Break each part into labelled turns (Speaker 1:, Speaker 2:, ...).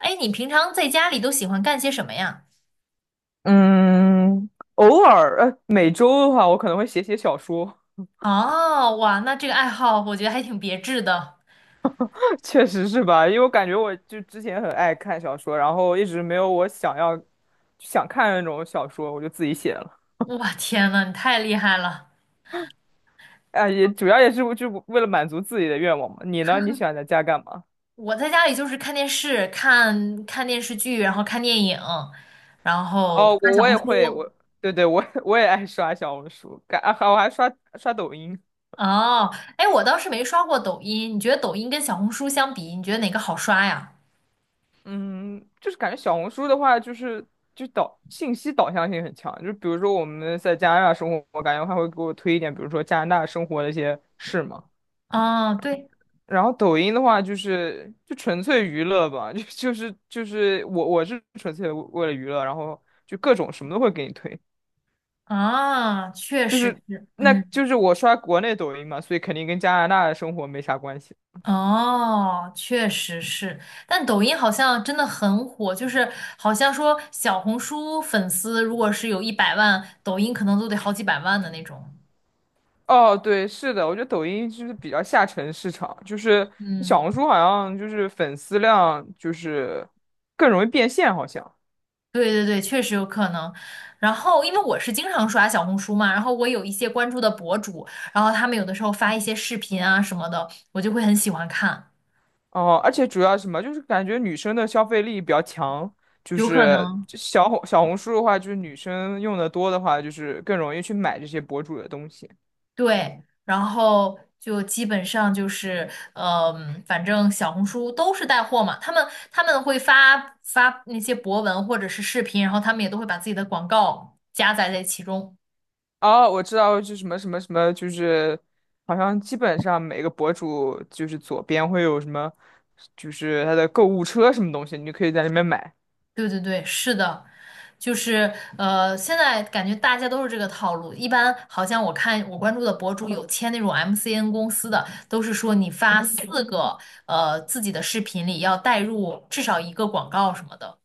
Speaker 1: 哎，你平常在家里都喜欢干些什么呀？
Speaker 2: 嗯，偶尔，每周的话，我可能会写写小说。
Speaker 1: 哦，哇，那这个爱好我觉得还挺别致的。
Speaker 2: 确实是吧？因为我感觉我就之前很爱看小说，然后一直没有我想要想看的那种小说，我就自己写了。
Speaker 1: 哇，天呐，你太厉害了！
Speaker 2: 哎，也主要也是就为了满足自己的愿望嘛。你呢？你喜欢在家干嘛？
Speaker 1: 我在家里就是看电视、看看电视剧，然后看电影，然后
Speaker 2: 哦，
Speaker 1: 看
Speaker 2: 我
Speaker 1: 小
Speaker 2: 我
Speaker 1: 红
Speaker 2: 也会，
Speaker 1: 书。
Speaker 2: 我对对，我也 我也爱刷小红书，感啊，我还刷刷抖音。
Speaker 1: 哦，哎，我倒是没刷过抖音。你觉得抖音跟小红书相比，你觉得哪个好刷呀？
Speaker 2: 嗯，就是感觉小红书的话，就是就导信息导向性很强。就比如说我们在加拿大生活，我感觉他会给我推一点，比如说加拿大生活的一些事嘛。
Speaker 1: 哦，对，
Speaker 2: 然后抖音的话，就纯粹娱乐吧，我是纯粹为了娱乐，然后就各种什么都会给你推，
Speaker 1: 啊，确
Speaker 2: 就
Speaker 1: 实
Speaker 2: 是
Speaker 1: 是，
Speaker 2: 那
Speaker 1: 嗯。
Speaker 2: 就是我刷国内抖音嘛，所以肯定跟加拿大的生活没啥关系。
Speaker 1: 哦，确实是，但抖音好像真的很火，就是好像说小红书粉丝如果是有100万，抖音可能都得好几百万的那种。
Speaker 2: 哦，对，是的，我觉得抖音就是比较下沉市场，就是小
Speaker 1: 嗯，
Speaker 2: 红书好像就是粉丝量就是更容易变现，好像。
Speaker 1: 对对对，确实有可能。然后，因为我是经常刷小红书嘛，然后我有一些关注的博主，然后他们有的时候发一些视频啊什么的，我就会很喜欢看，
Speaker 2: 哦，而且主要什么就是感觉女生的消费力比较强，就
Speaker 1: 有可
Speaker 2: 是
Speaker 1: 能。
Speaker 2: 就小红书的话，就是女生用的多的话，就是更容易去买这些博主的东西。
Speaker 1: 对，然后就基本上就是，嗯、反正小红书都是带货嘛，他们会发发那些博文或者是视频，然后他们也都会把自己的广告加载在其中。
Speaker 2: 哦，我知道，就什么什么什么，就是好像基本上每个博主就是左边会有什么，就是他的购物车什么东西，你就可以在那边买。
Speaker 1: 对对对，是的，就是现在感觉大家都是这个套路，一般好像我看我关注的博主有签那种 MCN 公司的，都是说你发四个自己的视频里要带入至少一个广告什么的。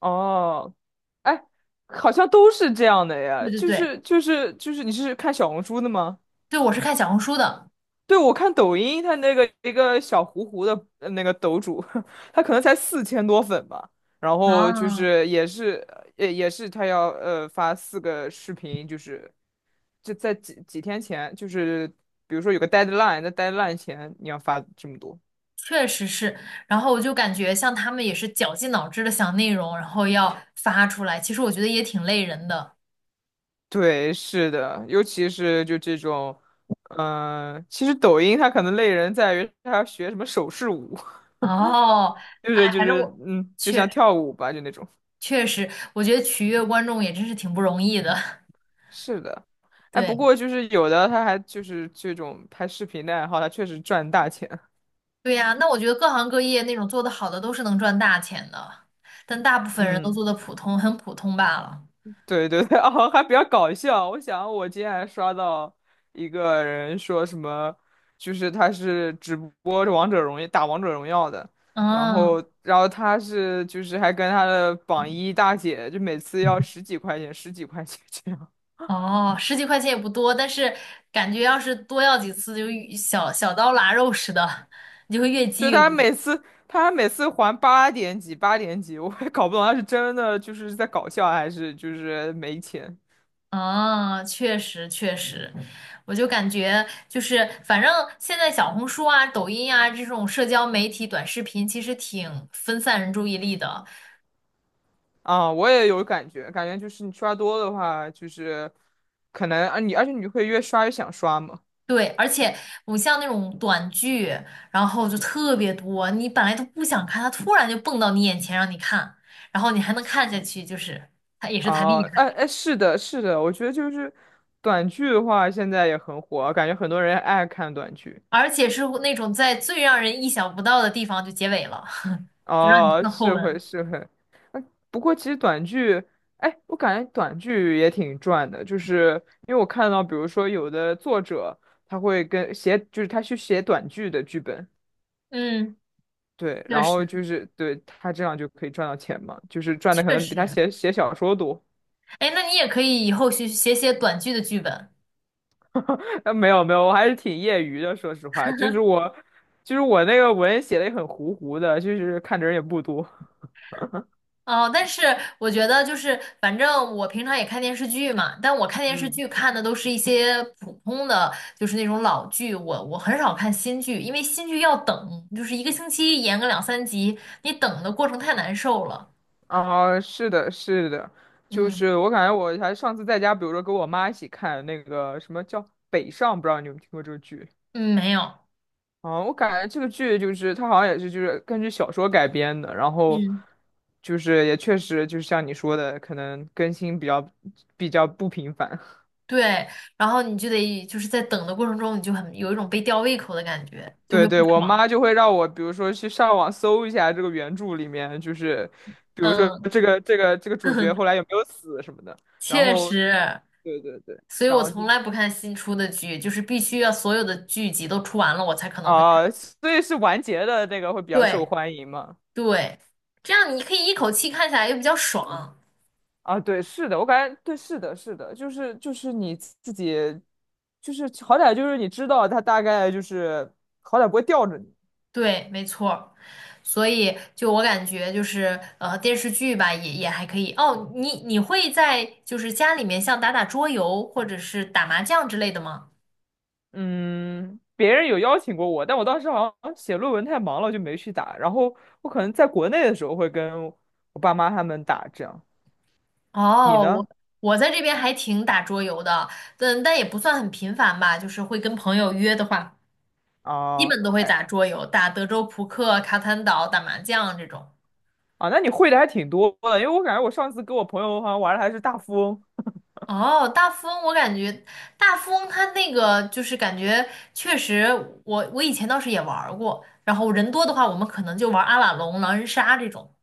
Speaker 2: 哦，哎，好像都是这样的呀，
Speaker 1: 对对
Speaker 2: 就
Speaker 1: 对，
Speaker 2: 是就是就是，你是看小红书的吗？
Speaker 1: 对，我是看小红书的。
Speaker 2: 对，我看抖音，他那个一个小糊糊的那个抖主，他可能才4000多粉吧。然后就
Speaker 1: 啊，
Speaker 2: 是也是他要发四个视频，就是就在几天前，就是比如说有个 deadline,在 deadline 前你要发这么多。
Speaker 1: 确实是。然后我就感觉像他们也是绞尽脑汁的想内容，然后要发出来。其实我觉得也挺累人的。
Speaker 2: 对，是的，尤其是就这种，其实抖音它可能累人在于它要学什么手势舞。
Speaker 1: 哦，
Speaker 2: 就是
Speaker 1: 哎，
Speaker 2: 就
Speaker 1: 反正
Speaker 2: 是
Speaker 1: 我
Speaker 2: 嗯，就
Speaker 1: 确
Speaker 2: 像跳舞吧，就那种。
Speaker 1: 确实，我觉得取悦观众也真是挺不容易的。
Speaker 2: 是的，哎，不
Speaker 1: 对，
Speaker 2: 过就是有的他还就是这种拍视频的爱好，他确实赚大钱。
Speaker 1: 对呀，那我觉得各行各业那种做的好的都是能赚大钱的，但大部 分人都
Speaker 2: 嗯，
Speaker 1: 做的普通，很普通罢了。
Speaker 2: 对对对，哦，还比较搞笑。我想我今天还刷到一个人说什么，就是他是直播王者荣耀打王者荣耀的，然
Speaker 1: 嗯，
Speaker 2: 后然后他是就是还跟他的榜一大姐，就每次要十几块钱，十几块钱这样。
Speaker 1: 哦，十几块钱也不多，但是感觉要是多要几次就小刀拉肉似的，你就会越积
Speaker 2: 就
Speaker 1: 越
Speaker 2: 他
Speaker 1: 多。
Speaker 2: 每次他每次还八点几八点几，我也搞不懂他是真的就是在搞笑还是就是没钱
Speaker 1: 啊，确实确实，我就感觉就是，反正现在小红书啊、抖音啊这种社交媒体短视频，其实挺分散人注意力的。
Speaker 2: 啊。我也有感觉，感觉就是你刷多的话，就是可能啊而且你会越刷越想刷嘛。
Speaker 1: 对，而且我像那种短剧，然后就特别多，你本来都不想看，它突然就蹦到你眼前让你看，然后你还能看下去，就是它也是它厉
Speaker 2: 哦，
Speaker 1: 害，
Speaker 2: 哎哎，是的，是的，我觉得就是短剧的话，现在也很火，感觉很多人爱看短剧。
Speaker 1: 而且是那种在最让人意想不到的地方就结尾了，
Speaker 2: 哦，
Speaker 1: 那后
Speaker 2: 是
Speaker 1: 文。
Speaker 2: 会是会，不过其实短剧，哎，我感觉短剧也挺赚的，就是因为我看到，比如说有的作者他会跟写，就是他去写短剧的剧本，
Speaker 1: 嗯，
Speaker 2: 对，
Speaker 1: 确
Speaker 2: 然后
Speaker 1: 实
Speaker 2: 就是对他这样就可以赚到钱嘛，就是赚的可
Speaker 1: 确
Speaker 2: 能比他
Speaker 1: 实。
Speaker 2: 写写小说多。
Speaker 1: 哎，那你也可以以后写写短剧的剧本。
Speaker 2: 没有没有，我还是挺业余的，说实话，就是我，就是我那个文写的也很糊糊的，就是看的人也不多。
Speaker 1: 哦，但是我觉得就是，反正我平常也看电视剧嘛，但我看电视
Speaker 2: 嗯。
Speaker 1: 剧看的都是一些普通的，就是那种老剧。我很少看新剧，因为新剧要等，就是一个星期演个两三集，你等的过程太难受了。
Speaker 2: 啊，是的，是的，就
Speaker 1: 嗯
Speaker 2: 是我感觉我还上次在家，比如说跟我妈一起看那个什么叫《北上》，不知道你有没有听过这个剧
Speaker 1: 嗯，没有，
Speaker 2: 啊？我感觉这个剧就是它好像也是就是根据小说改编的，然后
Speaker 1: 嗯，
Speaker 2: 就是也确实就是像你说的，可能更新比较不频繁。
Speaker 1: 对。然后你就得就是在等的过程中，你就很有一种被吊胃口的感 觉，就
Speaker 2: 对
Speaker 1: 会不
Speaker 2: 对，我
Speaker 1: 爽。
Speaker 2: 妈就会让我比如说去上网搜一下这个原著里面，就是比如说
Speaker 1: 嗯，
Speaker 2: 这个主角 后来有没有死什么的，然
Speaker 1: 确
Speaker 2: 后
Speaker 1: 实。
Speaker 2: 对对对，
Speaker 1: 所以
Speaker 2: 然
Speaker 1: 我
Speaker 2: 后
Speaker 1: 从
Speaker 2: 就。
Speaker 1: 来不看新出的剧，就是必须要所有的剧集都出完了，我才可能会
Speaker 2: 啊，
Speaker 1: 看。
Speaker 2: 所以是完结的那个会比较受
Speaker 1: 对
Speaker 2: 欢迎嘛？
Speaker 1: 对，这样你可以一口气看下来，又比较爽。
Speaker 2: 啊，对，是的，我感觉对，是的，是的，就是你自己，就是好歹就是你知道他大概就是好歹不会吊着你。
Speaker 1: 对，没错儿。所以就我感觉就是电视剧吧，也还可以。哦，你会在就是家里面像打打桌游或者是打麻将之类的吗？
Speaker 2: 嗯，别人有邀请过我，但我当时好像写论文太忙了，就没去打。然后我可能在国内的时候会跟我爸妈他们打，这样。你
Speaker 1: 哦，我
Speaker 2: 呢？
Speaker 1: 我在这边还挺打桌游的，但也不算很频繁吧，就是会跟朋友约的话。基
Speaker 2: 啊
Speaker 1: 本都会打桌游，打德州扑克、卡坦岛、打麻将这种。
Speaker 2: 啊，那你会的还挺多的，因为我感觉我上次跟我朋友好像玩的还是大富翁。
Speaker 1: 哦，大富翁，我感觉大富翁它那个就是感觉确实我以前倒是也玩儿过。然后人多的话，我们可能就玩阿瓦隆、狼人杀这种。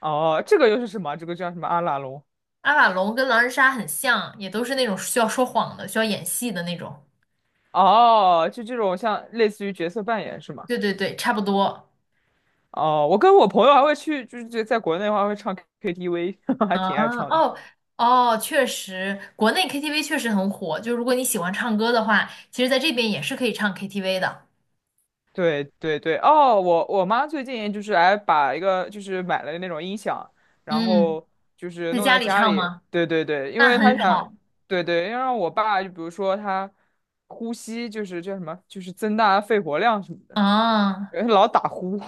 Speaker 2: 哦，这个又是什么？这个叫什么阿拉隆？
Speaker 1: 阿瓦隆跟狼人杀很像，也都是那种需要说谎的、需要演戏的那种。
Speaker 2: 哦，就这种像类似于角色扮演是吗？
Speaker 1: 对对对，差不多。
Speaker 2: 哦，我跟我朋友还会去，就是在国内的话会唱 KTV,还
Speaker 1: 啊，
Speaker 2: 挺爱唱的。
Speaker 1: 哦哦，确实，国内 KTV 确实很火。就如果你喜欢唱歌的话，其实在这边也是可以唱 KTV 的。
Speaker 2: 对对对，哦，我妈最近就是还把一个就是买了那种音响，然
Speaker 1: 嗯。
Speaker 2: 后就是
Speaker 1: 在
Speaker 2: 弄
Speaker 1: 家
Speaker 2: 在
Speaker 1: 里
Speaker 2: 家
Speaker 1: 唱
Speaker 2: 里。
Speaker 1: 吗？
Speaker 2: 对对对，因
Speaker 1: 那
Speaker 2: 为她
Speaker 1: 很
Speaker 2: 想，
Speaker 1: 好
Speaker 2: 对对，要让我爸就比如说他呼吸就是叫什么，就是增大肺活量什么的，
Speaker 1: 啊，
Speaker 2: 因为他老打呼。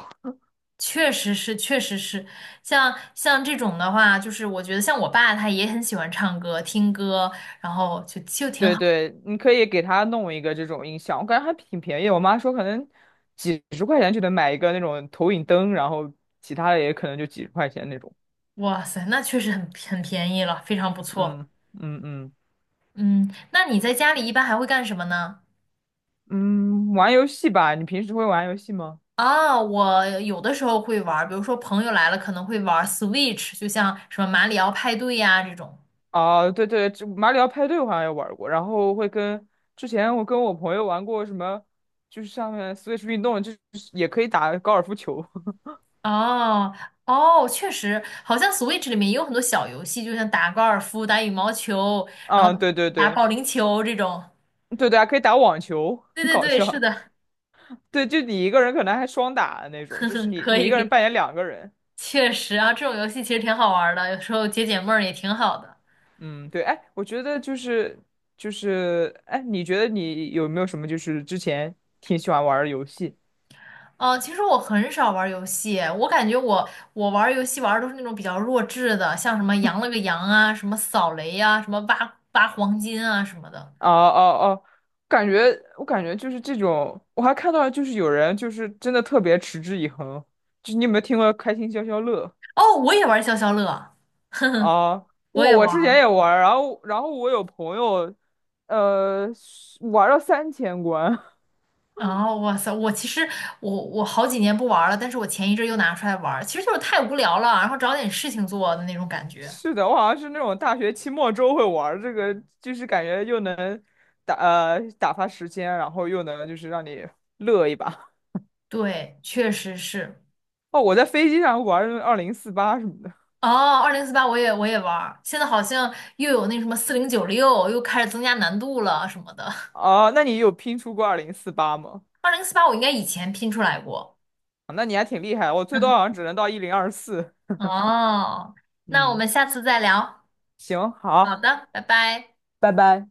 Speaker 1: 确实是，确实是，像这种的话，就是我觉得像我爸他也很喜欢唱歌、听歌，然后就挺
Speaker 2: 对
Speaker 1: 好。
Speaker 2: 对，你可以给他弄一个这种音响，我感觉还挺便宜。我妈说可能几十块钱就能买一个那种投影灯，然后其他的也可能就几十块钱那种。
Speaker 1: 哇塞，那确实很便宜了，非常不错。
Speaker 2: 嗯嗯嗯
Speaker 1: 嗯，那你在家里一般还会干什么呢？
Speaker 2: 嗯，玩游戏吧，你平时会玩游戏吗？
Speaker 1: 啊，我有的时候会玩儿，比如说朋友来了可能会玩儿 Switch，就像什么马里奥派对呀、这种。
Speaker 2: 哦，对对，这马里奥派对我好像也玩过，然后会跟之前我跟我朋友玩过什么，就是上面 Switch 运动，就是也可以打高尔夫球。
Speaker 1: 哦哦，确实，好像 Switch 里面也有很多小游戏，就像打高尔夫、打羽毛球，然
Speaker 2: 啊，
Speaker 1: 后
Speaker 2: 对对
Speaker 1: 打
Speaker 2: 对
Speaker 1: 保龄球这种。
Speaker 2: 对对啊，可以打网球，
Speaker 1: 对
Speaker 2: 很
Speaker 1: 对
Speaker 2: 搞
Speaker 1: 对，是
Speaker 2: 笑。
Speaker 1: 的，
Speaker 2: 对，就你一个人可能还双打的那 种，
Speaker 1: 呵
Speaker 2: 就
Speaker 1: 呵，
Speaker 2: 是你
Speaker 1: 可
Speaker 2: 你一
Speaker 1: 以
Speaker 2: 个
Speaker 1: 可
Speaker 2: 人
Speaker 1: 以，
Speaker 2: 扮演两个人。
Speaker 1: 确实啊，这种游戏其实挺好玩儿的，有时候解解闷儿也挺好的。
Speaker 2: 嗯，对，哎，我觉得就是，哎，你觉得你有没有什么就是之前挺喜欢玩儿的游戏？
Speaker 1: 哦，其实我很少玩儿游戏，我感觉我玩儿游戏玩的都是那种比较弱智的，像什么羊了个羊啊，什么扫雷呀、啊，什么挖挖黄金啊什么的。
Speaker 2: 哦哦哦，我感觉就是这种，我还看到就是有人就是真的特别持之以恒，就你有没有听过开心消消乐
Speaker 1: 哦，我也玩儿消消乐，
Speaker 2: 啊？
Speaker 1: 我
Speaker 2: 我
Speaker 1: 也
Speaker 2: 我之前
Speaker 1: 玩。
Speaker 2: 也玩儿然后我有朋友，呃，玩了到3000关。
Speaker 1: 哦，哇塞！我其实我好几年不玩了，但是我前一阵又拿出来玩儿，其实就是太无聊了，然后找点事情做的那种感觉。
Speaker 2: 是的，我好像是那种大学期末周会玩儿这个，就是感觉又能打发时间，然后又能就是让你乐一把。
Speaker 1: 对，确实是。
Speaker 2: 哦，我在飞机上玩儿二零四八什么的。
Speaker 1: 哦，二零四八我也玩儿，现在好像又有那什么4096，又开始增加难度了什么的。
Speaker 2: 哦，那你有拼出过二零四八吗？
Speaker 1: 二零四八我应该以前拼出来过。
Speaker 2: 那你还挺厉害，我最多好 像只能到1024。
Speaker 1: 哦，那我
Speaker 2: 嗯，
Speaker 1: 们下次再聊。
Speaker 2: 行，
Speaker 1: 好
Speaker 2: 好，
Speaker 1: 的，拜拜。
Speaker 2: 拜拜。